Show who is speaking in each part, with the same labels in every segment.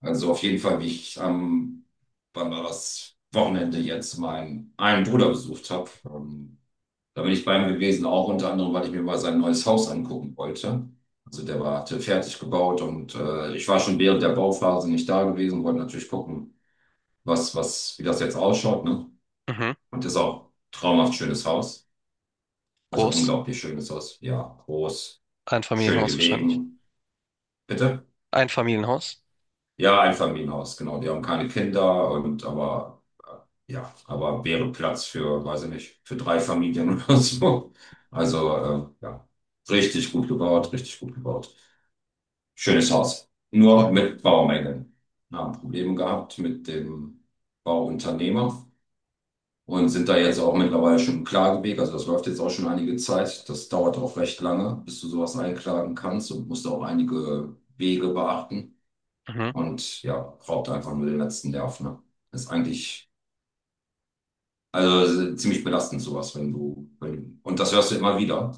Speaker 1: Also auf jeden Fall, wie ich am, wann war das Wochenende jetzt, meinen einen Bruder besucht habe. Da bin ich bei ihm gewesen, auch unter anderem, weil ich mir mal sein neues Haus angucken wollte. Also der war, hatte fertig gebaut und ich war schon während der Bauphase nicht da gewesen, wollte natürlich gucken, wie das jetzt ausschaut, ne?
Speaker 2: Mhm.
Speaker 1: Und ist auch traumhaft schönes Haus. Also
Speaker 2: Groß.
Speaker 1: unglaublich schönes Haus. Ja, groß, schön
Speaker 2: Einfamilienhaus wahrscheinlich.
Speaker 1: gelegen. Bitte?
Speaker 2: Einfamilienhaus.
Speaker 1: Ja, Einfamilienhaus, genau. Die haben keine Kinder und aber ja, aber wäre Platz für, weiß ich nicht, für drei Familien oder so. Also ja, richtig gut gebaut, richtig gut gebaut. Schönes Haus.
Speaker 2: Cool.
Speaker 1: Nur mit Baumängeln. Wir haben Probleme gehabt mit dem Bauunternehmer und sind da jetzt auch mittlerweile schon im Klageweg. Also das läuft jetzt auch schon einige Zeit. Das dauert auch recht lange, bis du sowas einklagen kannst und musst auch einige Wege beachten
Speaker 2: Mhm.
Speaker 1: und ja, raubt einfach nur den letzten Nerv, ne? Das ist eigentlich, also ziemlich belastend sowas, wenn du, wenn, und das hörst du immer wieder,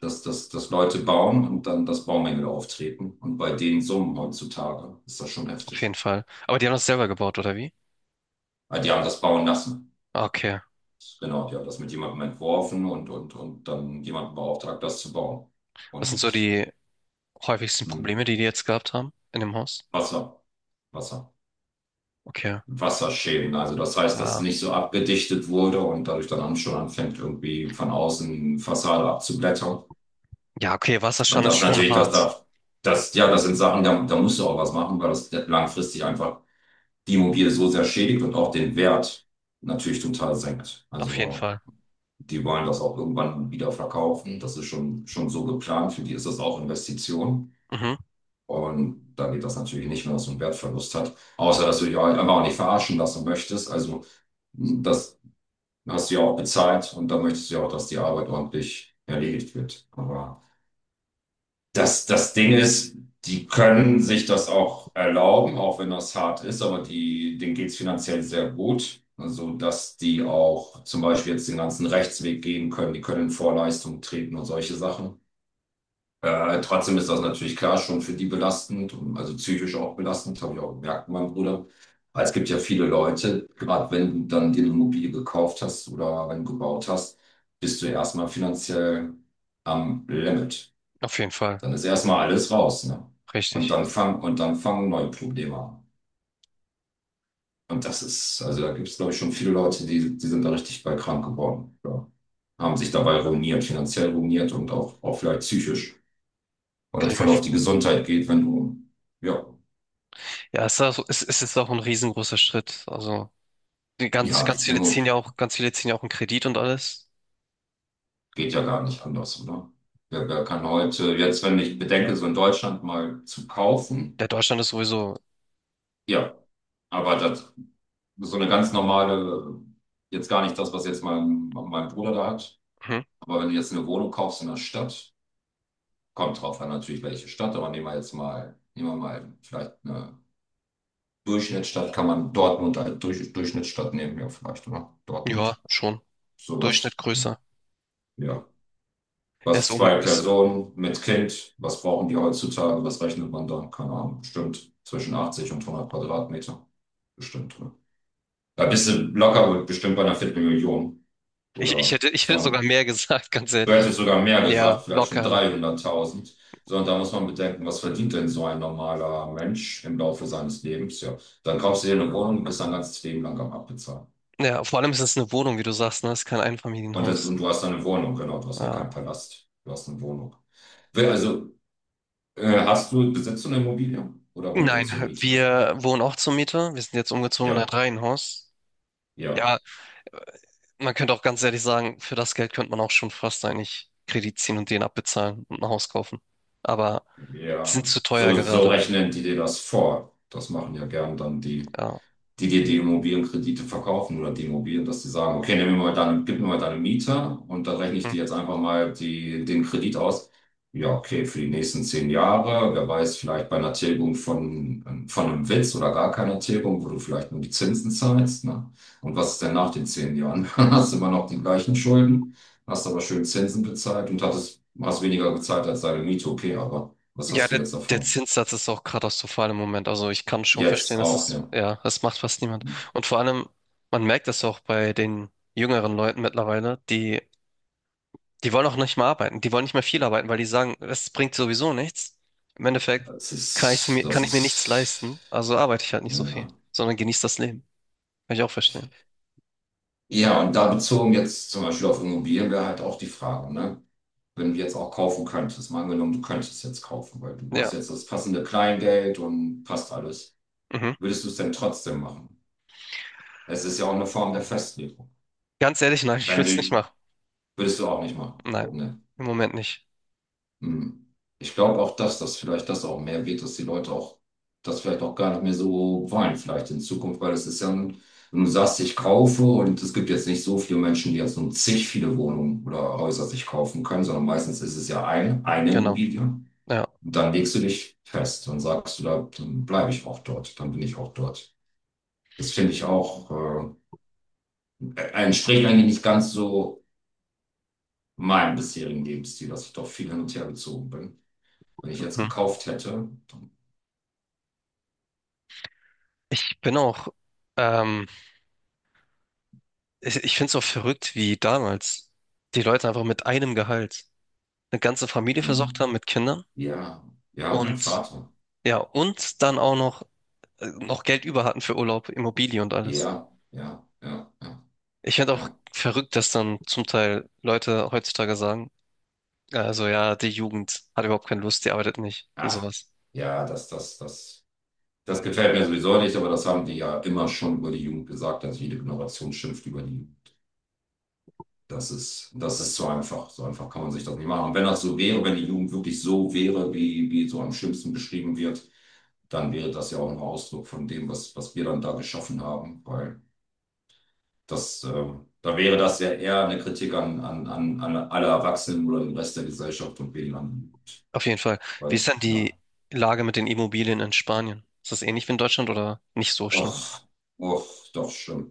Speaker 1: dass Leute bauen und dann, das Baumängel auftreten. Und bei den Summen heutzutage ist das schon
Speaker 2: Auf jeden
Speaker 1: heftig.
Speaker 2: Fall. Aber die haben das selber gebaut, oder wie?
Speaker 1: Weil die haben das bauen lassen.
Speaker 2: Ah, okay.
Speaker 1: Genau, die haben das mit jemandem entworfen und dann jemanden beauftragt, das zu bauen.
Speaker 2: Was sind so
Speaker 1: Und
Speaker 2: die häufigsten
Speaker 1: hm,
Speaker 2: Probleme, die die jetzt gehabt haben in dem Haus?
Speaker 1: Wasser, Wasser.
Speaker 2: Okay.
Speaker 1: Wasserschäden. Also das heißt, dass
Speaker 2: Ah.
Speaker 1: nicht so abgedichtet wurde und dadurch dann schon anfängt, irgendwie von außen Fassade abzublättern.
Speaker 2: Ja, okay,
Speaker 1: Und
Speaker 2: Wasserschaden ist
Speaker 1: das
Speaker 2: schon
Speaker 1: natürlich, das
Speaker 2: hart.
Speaker 1: darf, das, ja, das sind Sachen, da musst du auch was machen, weil das langfristig einfach die Immobilie so sehr schädigt und auch den Wert natürlich total senkt.
Speaker 2: Auf jeden
Speaker 1: Also
Speaker 2: Fall.
Speaker 1: die wollen das auch irgendwann wieder verkaufen. Das ist schon, schon so geplant. Für die ist das auch Investition.
Speaker 2: Mhm.
Speaker 1: Und da geht das natürlich nicht, wenn das so einen Wertverlust hat. Außer, dass du dich halt einfach auch nicht verarschen lassen möchtest. Also das, du hast sie auch bezahlt und dann möchtest du ja auch, dass die Arbeit ordentlich erledigt wird. Aber das, das Ding ist, die können sich das auch erlauben, auch wenn das hart ist, aber die, denen geht's finanziell sehr gut. Also, dass die auch zum Beispiel jetzt den ganzen Rechtsweg gehen können, die können in Vorleistungen treten und solche Sachen. Trotzdem ist das natürlich klar schon für die belastend, und also psychisch auch belastend, habe ich auch gemerkt, mein Bruder. Aber es gibt ja viele Leute, gerade wenn du dann dir eine Immobilie gekauft hast oder wenn du gebaut hast, bist du ja erstmal finanziell am Limit.
Speaker 2: Auf jeden Fall.
Speaker 1: Dann ist erstmal alles raus, ne?
Speaker 2: Richtig.
Speaker 1: Und dann fangen neue Probleme an. Und das ist, also da gibt es, glaube ich, schon viele Leute, die, die sind da richtig bei krank geworden. Ja. Haben sich dabei ruiniert, finanziell ruiniert und auch, auch vielleicht psychisch, weil
Speaker 2: Kann
Speaker 1: das
Speaker 2: ich mir...
Speaker 1: voll auf
Speaker 2: f-
Speaker 1: die Gesundheit geht, wenn du, ja,
Speaker 2: Ja, es ist auch ein riesengroßer Schritt. Also, die ganz,
Speaker 1: ja,
Speaker 2: ganz viele
Speaker 1: Immo
Speaker 2: ziehen ja auch, ganz viele ziehen ja auch einen Kredit und alles.
Speaker 1: geht ja gar nicht anders, oder? Wer, wer kann heute, jetzt, wenn ich bedenke, so in Deutschland mal zu kaufen,
Speaker 2: Der Deutschland ist sowieso,
Speaker 1: ja, aber das, so eine ganz normale, jetzt gar nicht das, was jetzt mein Bruder da hat,
Speaker 2: mhm.
Speaker 1: aber wenn du jetzt eine Wohnung kaufst in der Stadt, kommt drauf an natürlich, welche Stadt, aber nehmen wir jetzt mal, nehmen wir mal vielleicht eine Durchschnittsstadt, kann man Dortmund als Durchschnittsstadt nehmen, ja, vielleicht, oder?
Speaker 2: Ja,
Speaker 1: Dortmund,
Speaker 2: schon.
Speaker 1: sowas,
Speaker 2: Durchschnitt größer.
Speaker 1: ja.
Speaker 2: Er ist
Speaker 1: Was
Speaker 2: um,
Speaker 1: zwei
Speaker 2: ist
Speaker 1: Personen mit Kind, was brauchen die heutzutage? Was rechnet man da? Keine Ahnung, bestimmt zwischen 80 und 100 Quadratmeter. Bestimmt. Ne? Da bist du locker bestimmt bei einer Viertelmillion
Speaker 2: Ich
Speaker 1: oder
Speaker 2: hätte, ich hätte
Speaker 1: 200.
Speaker 2: sogar mehr gesagt, ganz
Speaker 1: Du
Speaker 2: ehrlich.
Speaker 1: hättest sogar mehr
Speaker 2: Ja,
Speaker 1: gesagt, vielleicht schon
Speaker 2: locker, locker.
Speaker 1: 300.000. Sondern da muss man bedenken, was verdient denn so ein normaler Mensch im Laufe seines Lebens? Ja, dann kaufst du dir eine Wohnung und bist dein ganzes Leben lang am Abbezahlen.
Speaker 2: Ja, vor allem ist es eine Wohnung, wie du sagst, ne? Es ist kein
Speaker 1: Und, das, und
Speaker 2: Einfamilienhaus.
Speaker 1: du hast eine Wohnung, genau, du hast ja
Speaker 2: Ja.
Speaker 1: keinen Palast. Du hast eine Wohnung. Also hast du, besitzt du eine Immobilie oder wohnt ihr
Speaker 2: Nein,
Speaker 1: zur Miete?
Speaker 2: wir wohnen auch zur Miete. Wir sind jetzt umgezogen in ein
Speaker 1: Ja,
Speaker 2: Reihenhaus.
Speaker 1: ja,
Speaker 2: Ja, man könnte auch ganz ehrlich sagen, für das Geld könnte man auch schon fast eigentlich Kredit ziehen und den abbezahlen und ein Haus kaufen. Aber die sind
Speaker 1: ja.
Speaker 2: zu teuer
Speaker 1: So, so
Speaker 2: gerade.
Speaker 1: rechnen die dir das vor. Das machen ja gern dann die,
Speaker 2: Ja.
Speaker 1: die dir die Immobilienkredite verkaufen oder die Immobilien, dass die sagen, okay, nimm mir mal deine, gib mir mal deine Miete und dann rechne ich
Speaker 2: Hm.
Speaker 1: dir jetzt einfach mal die, den Kredit aus. Ja, okay, für die nächsten zehn Jahre, wer weiß, vielleicht bei einer Tilgung von einem Witz oder gar keiner Tilgung, wo du vielleicht nur die Zinsen zahlst, ne? Und was ist denn nach den zehn Jahren? Dann hast du immer noch die gleichen Schulden, hast aber schön Zinsen bezahlt und hast weniger bezahlt als deine Miete, okay, aber was
Speaker 2: Ja,
Speaker 1: hast du jetzt
Speaker 2: der
Speaker 1: davon?
Speaker 2: Zinssatz ist auch katastrophal im Moment. Also ich kann schon
Speaker 1: Jetzt
Speaker 2: verstehen, dass
Speaker 1: auch,
Speaker 2: es,
Speaker 1: ja.
Speaker 2: ja, das macht fast niemand. Und vor allem, man merkt das auch bei den jüngeren Leuten mittlerweile, die wollen auch nicht mehr arbeiten, die wollen nicht mehr viel arbeiten, weil die sagen, es bringt sowieso nichts. Im Endeffekt
Speaker 1: Das
Speaker 2: kann ich mir nichts
Speaker 1: ist.
Speaker 2: leisten, also arbeite ich halt nicht so viel,
Speaker 1: Ja.
Speaker 2: sondern genieße das Leben. Kann ich auch verstehen.
Speaker 1: Ja, und da bezogen jetzt zum Beispiel auf Immobilien wäre halt auch die Frage, ne? Wenn du jetzt auch kaufen könntest, mal angenommen, du könntest jetzt kaufen, weil du hast
Speaker 2: Ja.
Speaker 1: jetzt das passende Kleingeld und passt alles.
Speaker 2: Mhm.
Speaker 1: Würdest du es denn trotzdem machen? Es ist ja auch eine Form der Festlegung.
Speaker 2: Ganz ehrlich, nein, ich
Speaker 1: Wenn
Speaker 2: würde es nicht
Speaker 1: du,
Speaker 2: machen.
Speaker 1: würdest du auch nicht machen.
Speaker 2: Nein,
Speaker 1: Ne?
Speaker 2: im Moment nicht.
Speaker 1: Hm. Ich glaube auch, dass das vielleicht das auch mehr wird, dass die Leute auch das vielleicht auch gar nicht mehr so wollen, vielleicht in Zukunft, weil es ist ja, ein, wenn du sagst, ich kaufe und es gibt jetzt nicht so viele Menschen, die jetzt nur zig viele Wohnungen oder Häuser sich kaufen können, sondern meistens ist es ja ein, eine
Speaker 2: Genau.
Speaker 1: Immobilie. Und
Speaker 2: Ja.
Speaker 1: dann legst du dich fest und sagst du, da, dann bleibe ich auch dort, dann bin ich auch dort. Das finde ich auch, entspricht eigentlich nicht ganz so meinem bisherigen Lebensstil, dass ich doch viel hin und her gezogen bin. Wenn ich jetzt
Speaker 2: Mhm.
Speaker 1: gekauft hätte,
Speaker 2: Ich bin auch. Ähm, ich finde es auch verrückt, wie damals die Leute einfach mit einem Gehalt eine ganze Familie versorgt haben
Speaker 1: hm.
Speaker 2: mit Kindern
Speaker 1: Ja, ja, mein
Speaker 2: und
Speaker 1: Vater.
Speaker 2: ja, und dann auch noch, noch Geld über hatten für Urlaub, Immobilie und
Speaker 1: Ja,
Speaker 2: alles.
Speaker 1: ja, ja, ja,
Speaker 2: Ich finde auch
Speaker 1: ja.
Speaker 2: verrückt, dass dann zum Teil Leute heutzutage sagen, also ja, die Jugend hat überhaupt keine Lust, die arbeitet nicht und
Speaker 1: Ach,
Speaker 2: sowas.
Speaker 1: ja, das gefällt mir sowieso nicht, aber das haben die ja immer schon über die Jugend gesagt, dass jede Generation schimpft über die Jugend. Das ist so einfach. So einfach kann man sich das nicht machen. Und wenn das so wäre, wenn die Jugend wirklich so wäre, wie, wie so am schlimmsten beschrieben wird, dann wäre das ja auch ein Ausdruck von dem, was, was wir dann da geschaffen haben, weil das, da wäre das ja eher eine Kritik an alle Erwachsenen oder den Rest der Gesellschaft und weniger an,
Speaker 2: Auf jeden Fall. Wie ist
Speaker 1: weil,
Speaker 2: denn die
Speaker 1: ja,
Speaker 2: Lage mit den Immobilien in Spanien? Ist das ähnlich wie in Deutschland oder nicht so
Speaker 1: och,
Speaker 2: schlimm?
Speaker 1: och, doch, schlimm.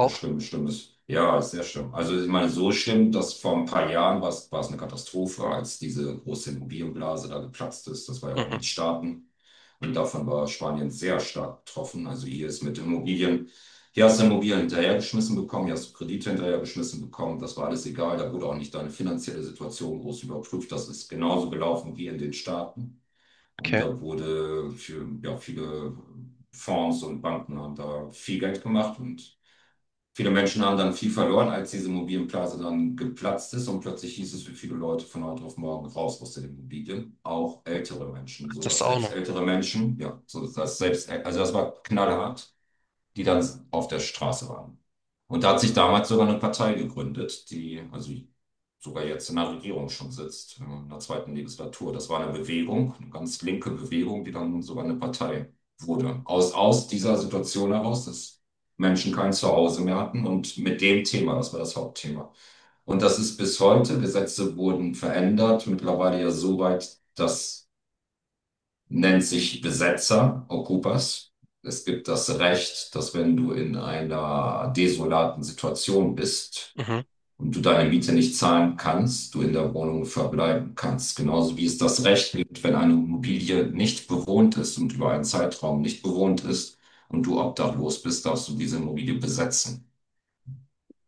Speaker 1: Ja, schlimm, schlimm ist. Ja, ist sehr schlimm. Also, ich meine, so schlimm, dass vor ein paar Jahren war es eine Katastrophe, als diese große Immobilienblase da geplatzt ist. Das war ja auch in
Speaker 2: Mhm.
Speaker 1: den Staaten. Und davon war Spanien sehr stark betroffen. Also hier ist mit Immobilien, hier hast du Immobilien hinterhergeschmissen bekommen, hier hast du Kredite hinterhergeschmissen bekommen. Das war alles egal. Da wurde auch nicht deine finanzielle Situation groß überprüft. Das ist genauso gelaufen wie in den Staaten. Und
Speaker 2: Okay.
Speaker 1: da wurde für, ja, viele Fonds und Banken haben da viel Geld gemacht und viele Menschen haben dann viel verloren, als diese Immobilienblase dann geplatzt ist und plötzlich hieß es für viele Leute von heute auf morgen raus aus den Immobilien, auch ältere Menschen, so
Speaker 2: Das
Speaker 1: dass
Speaker 2: auch
Speaker 1: selbst
Speaker 2: noch.
Speaker 1: ältere Menschen, ja, so dass selbst, also das war knallhart, die dann auf der Straße waren. Und da hat sich damals sogar eine Partei gegründet, die also sogar jetzt in der Regierung schon sitzt, in der zweiten Legislatur. Das war eine Bewegung, eine ganz linke Bewegung, die dann sogar eine Partei wurde. Aus dieser Situation heraus, dass Menschen kein Zuhause mehr hatten und mit dem Thema, das war das Hauptthema. Und das ist bis heute, Gesetze wurden verändert, mittlerweile ja so weit, dass nennt sich Besetzer, Okupas. Es gibt das Recht, dass wenn du in einer desolaten Situation bist
Speaker 2: Mhm.
Speaker 1: und du deine Miete nicht zahlen kannst, du in der Wohnung verbleiben kannst. Genauso wie es das Recht gibt, wenn eine Immobilie nicht bewohnt ist und über einen Zeitraum nicht bewohnt ist und du obdachlos bist, darfst du diese Immobilie besetzen.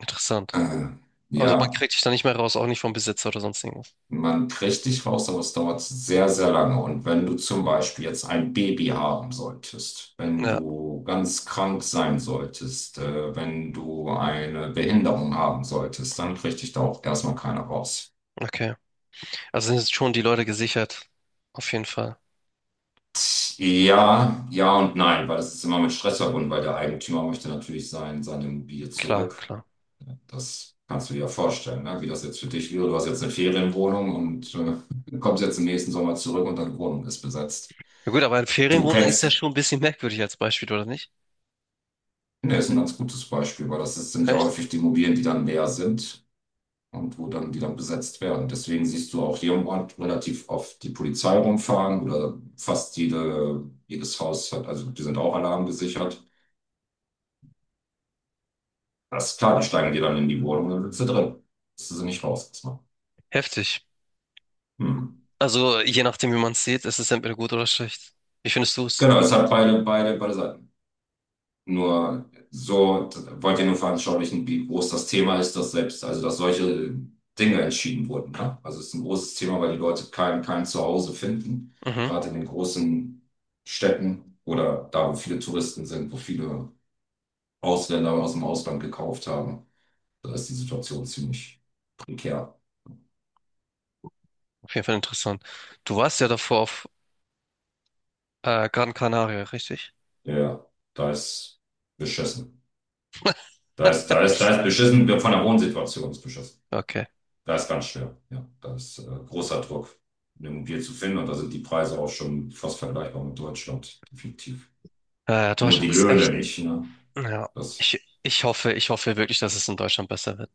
Speaker 2: Interessant.
Speaker 1: Äh,
Speaker 2: Also man
Speaker 1: ja.
Speaker 2: kriegt dich da nicht mehr raus, auch nicht vom Besitzer oder sonst irgendwas.
Speaker 1: Man kriegt dich raus, aber es dauert sehr, sehr lange. Und wenn du zum Beispiel jetzt ein Baby haben solltest, wenn
Speaker 2: Ja,
Speaker 1: du ganz krank sein solltest, wenn du eine Behinderung haben solltest, dann kriegt dich da auch erstmal keiner raus.
Speaker 2: okay. Also sind jetzt schon die Leute gesichert. Auf jeden Fall.
Speaker 1: Ja, ja und nein, weil das ist immer mit Stress verbunden, weil der Eigentümer möchte natürlich sein, seine Immobilie
Speaker 2: Klar,
Speaker 1: zurück.
Speaker 2: klar.
Speaker 1: Das kannst du dir ja vorstellen, ne? Wie das jetzt für dich wäre. Du hast jetzt eine Ferienwohnung und kommst jetzt im nächsten Sommer zurück und deine Wohnung ist besetzt.
Speaker 2: Ja gut, aber eine
Speaker 1: Du
Speaker 2: Ferienwohnung ist ja
Speaker 1: kennst.
Speaker 2: schon ein bisschen merkwürdig als Beispiel, oder nicht?
Speaker 1: Ne, ist ein ganz gutes Beispiel, weil das ist, sind ja
Speaker 2: Echt?
Speaker 1: häufig die Immobilien, die dann leer sind und wo dann, die dann besetzt werden. Deswegen siehst du auch hier im Ort relativ oft die Polizei rumfahren oder fast jedes Haus hat, also die sind auch alarmgesichert. Das ist klar, die steigen dir dann in die Wohnung und dann sitzt du drin. Bist du sie nicht raus erstmal.
Speaker 2: Heftig.
Speaker 1: Hm.
Speaker 2: Also je nachdem, wie man es sieht, ist es entweder gut oder schlecht. Wie findest du es?
Speaker 1: Genau, es
Speaker 2: Gut.
Speaker 1: hat beide, beide, beide Seiten. Nur so wollt ihr nur veranschaulichen, wie groß das Thema ist, dass selbst, also dass solche Dinge entschieden wurden. Ne? Also es ist ein großes Thema, weil die Leute kein Zuhause finden,
Speaker 2: Mhm.
Speaker 1: gerade in den großen Städten oder da, wo viele Touristen sind, wo viele Ausländer aus dem Ausland gekauft haben. Da ist die Situation ziemlich prekär.
Speaker 2: Auf jeden Fall interessant. Du warst ja davor auf Gran Canaria, richtig?
Speaker 1: Ja, da ist beschissen. Da ist beschissen, von der Wohnsituation ist beschissen.
Speaker 2: Okay.
Speaker 1: Da ist ganz schwer. Ja, da ist großer Druck, eine Immobilie zu finden. Und da sind die Preise auch schon fast vergleichbar mit Deutschland, definitiv. Nur die
Speaker 2: Deutschland ist
Speaker 1: Löhne
Speaker 2: echt.
Speaker 1: nicht, ne?
Speaker 2: Ja.
Speaker 1: Das
Speaker 2: Ich hoffe, ich hoffe wirklich, dass es in Deutschland besser wird.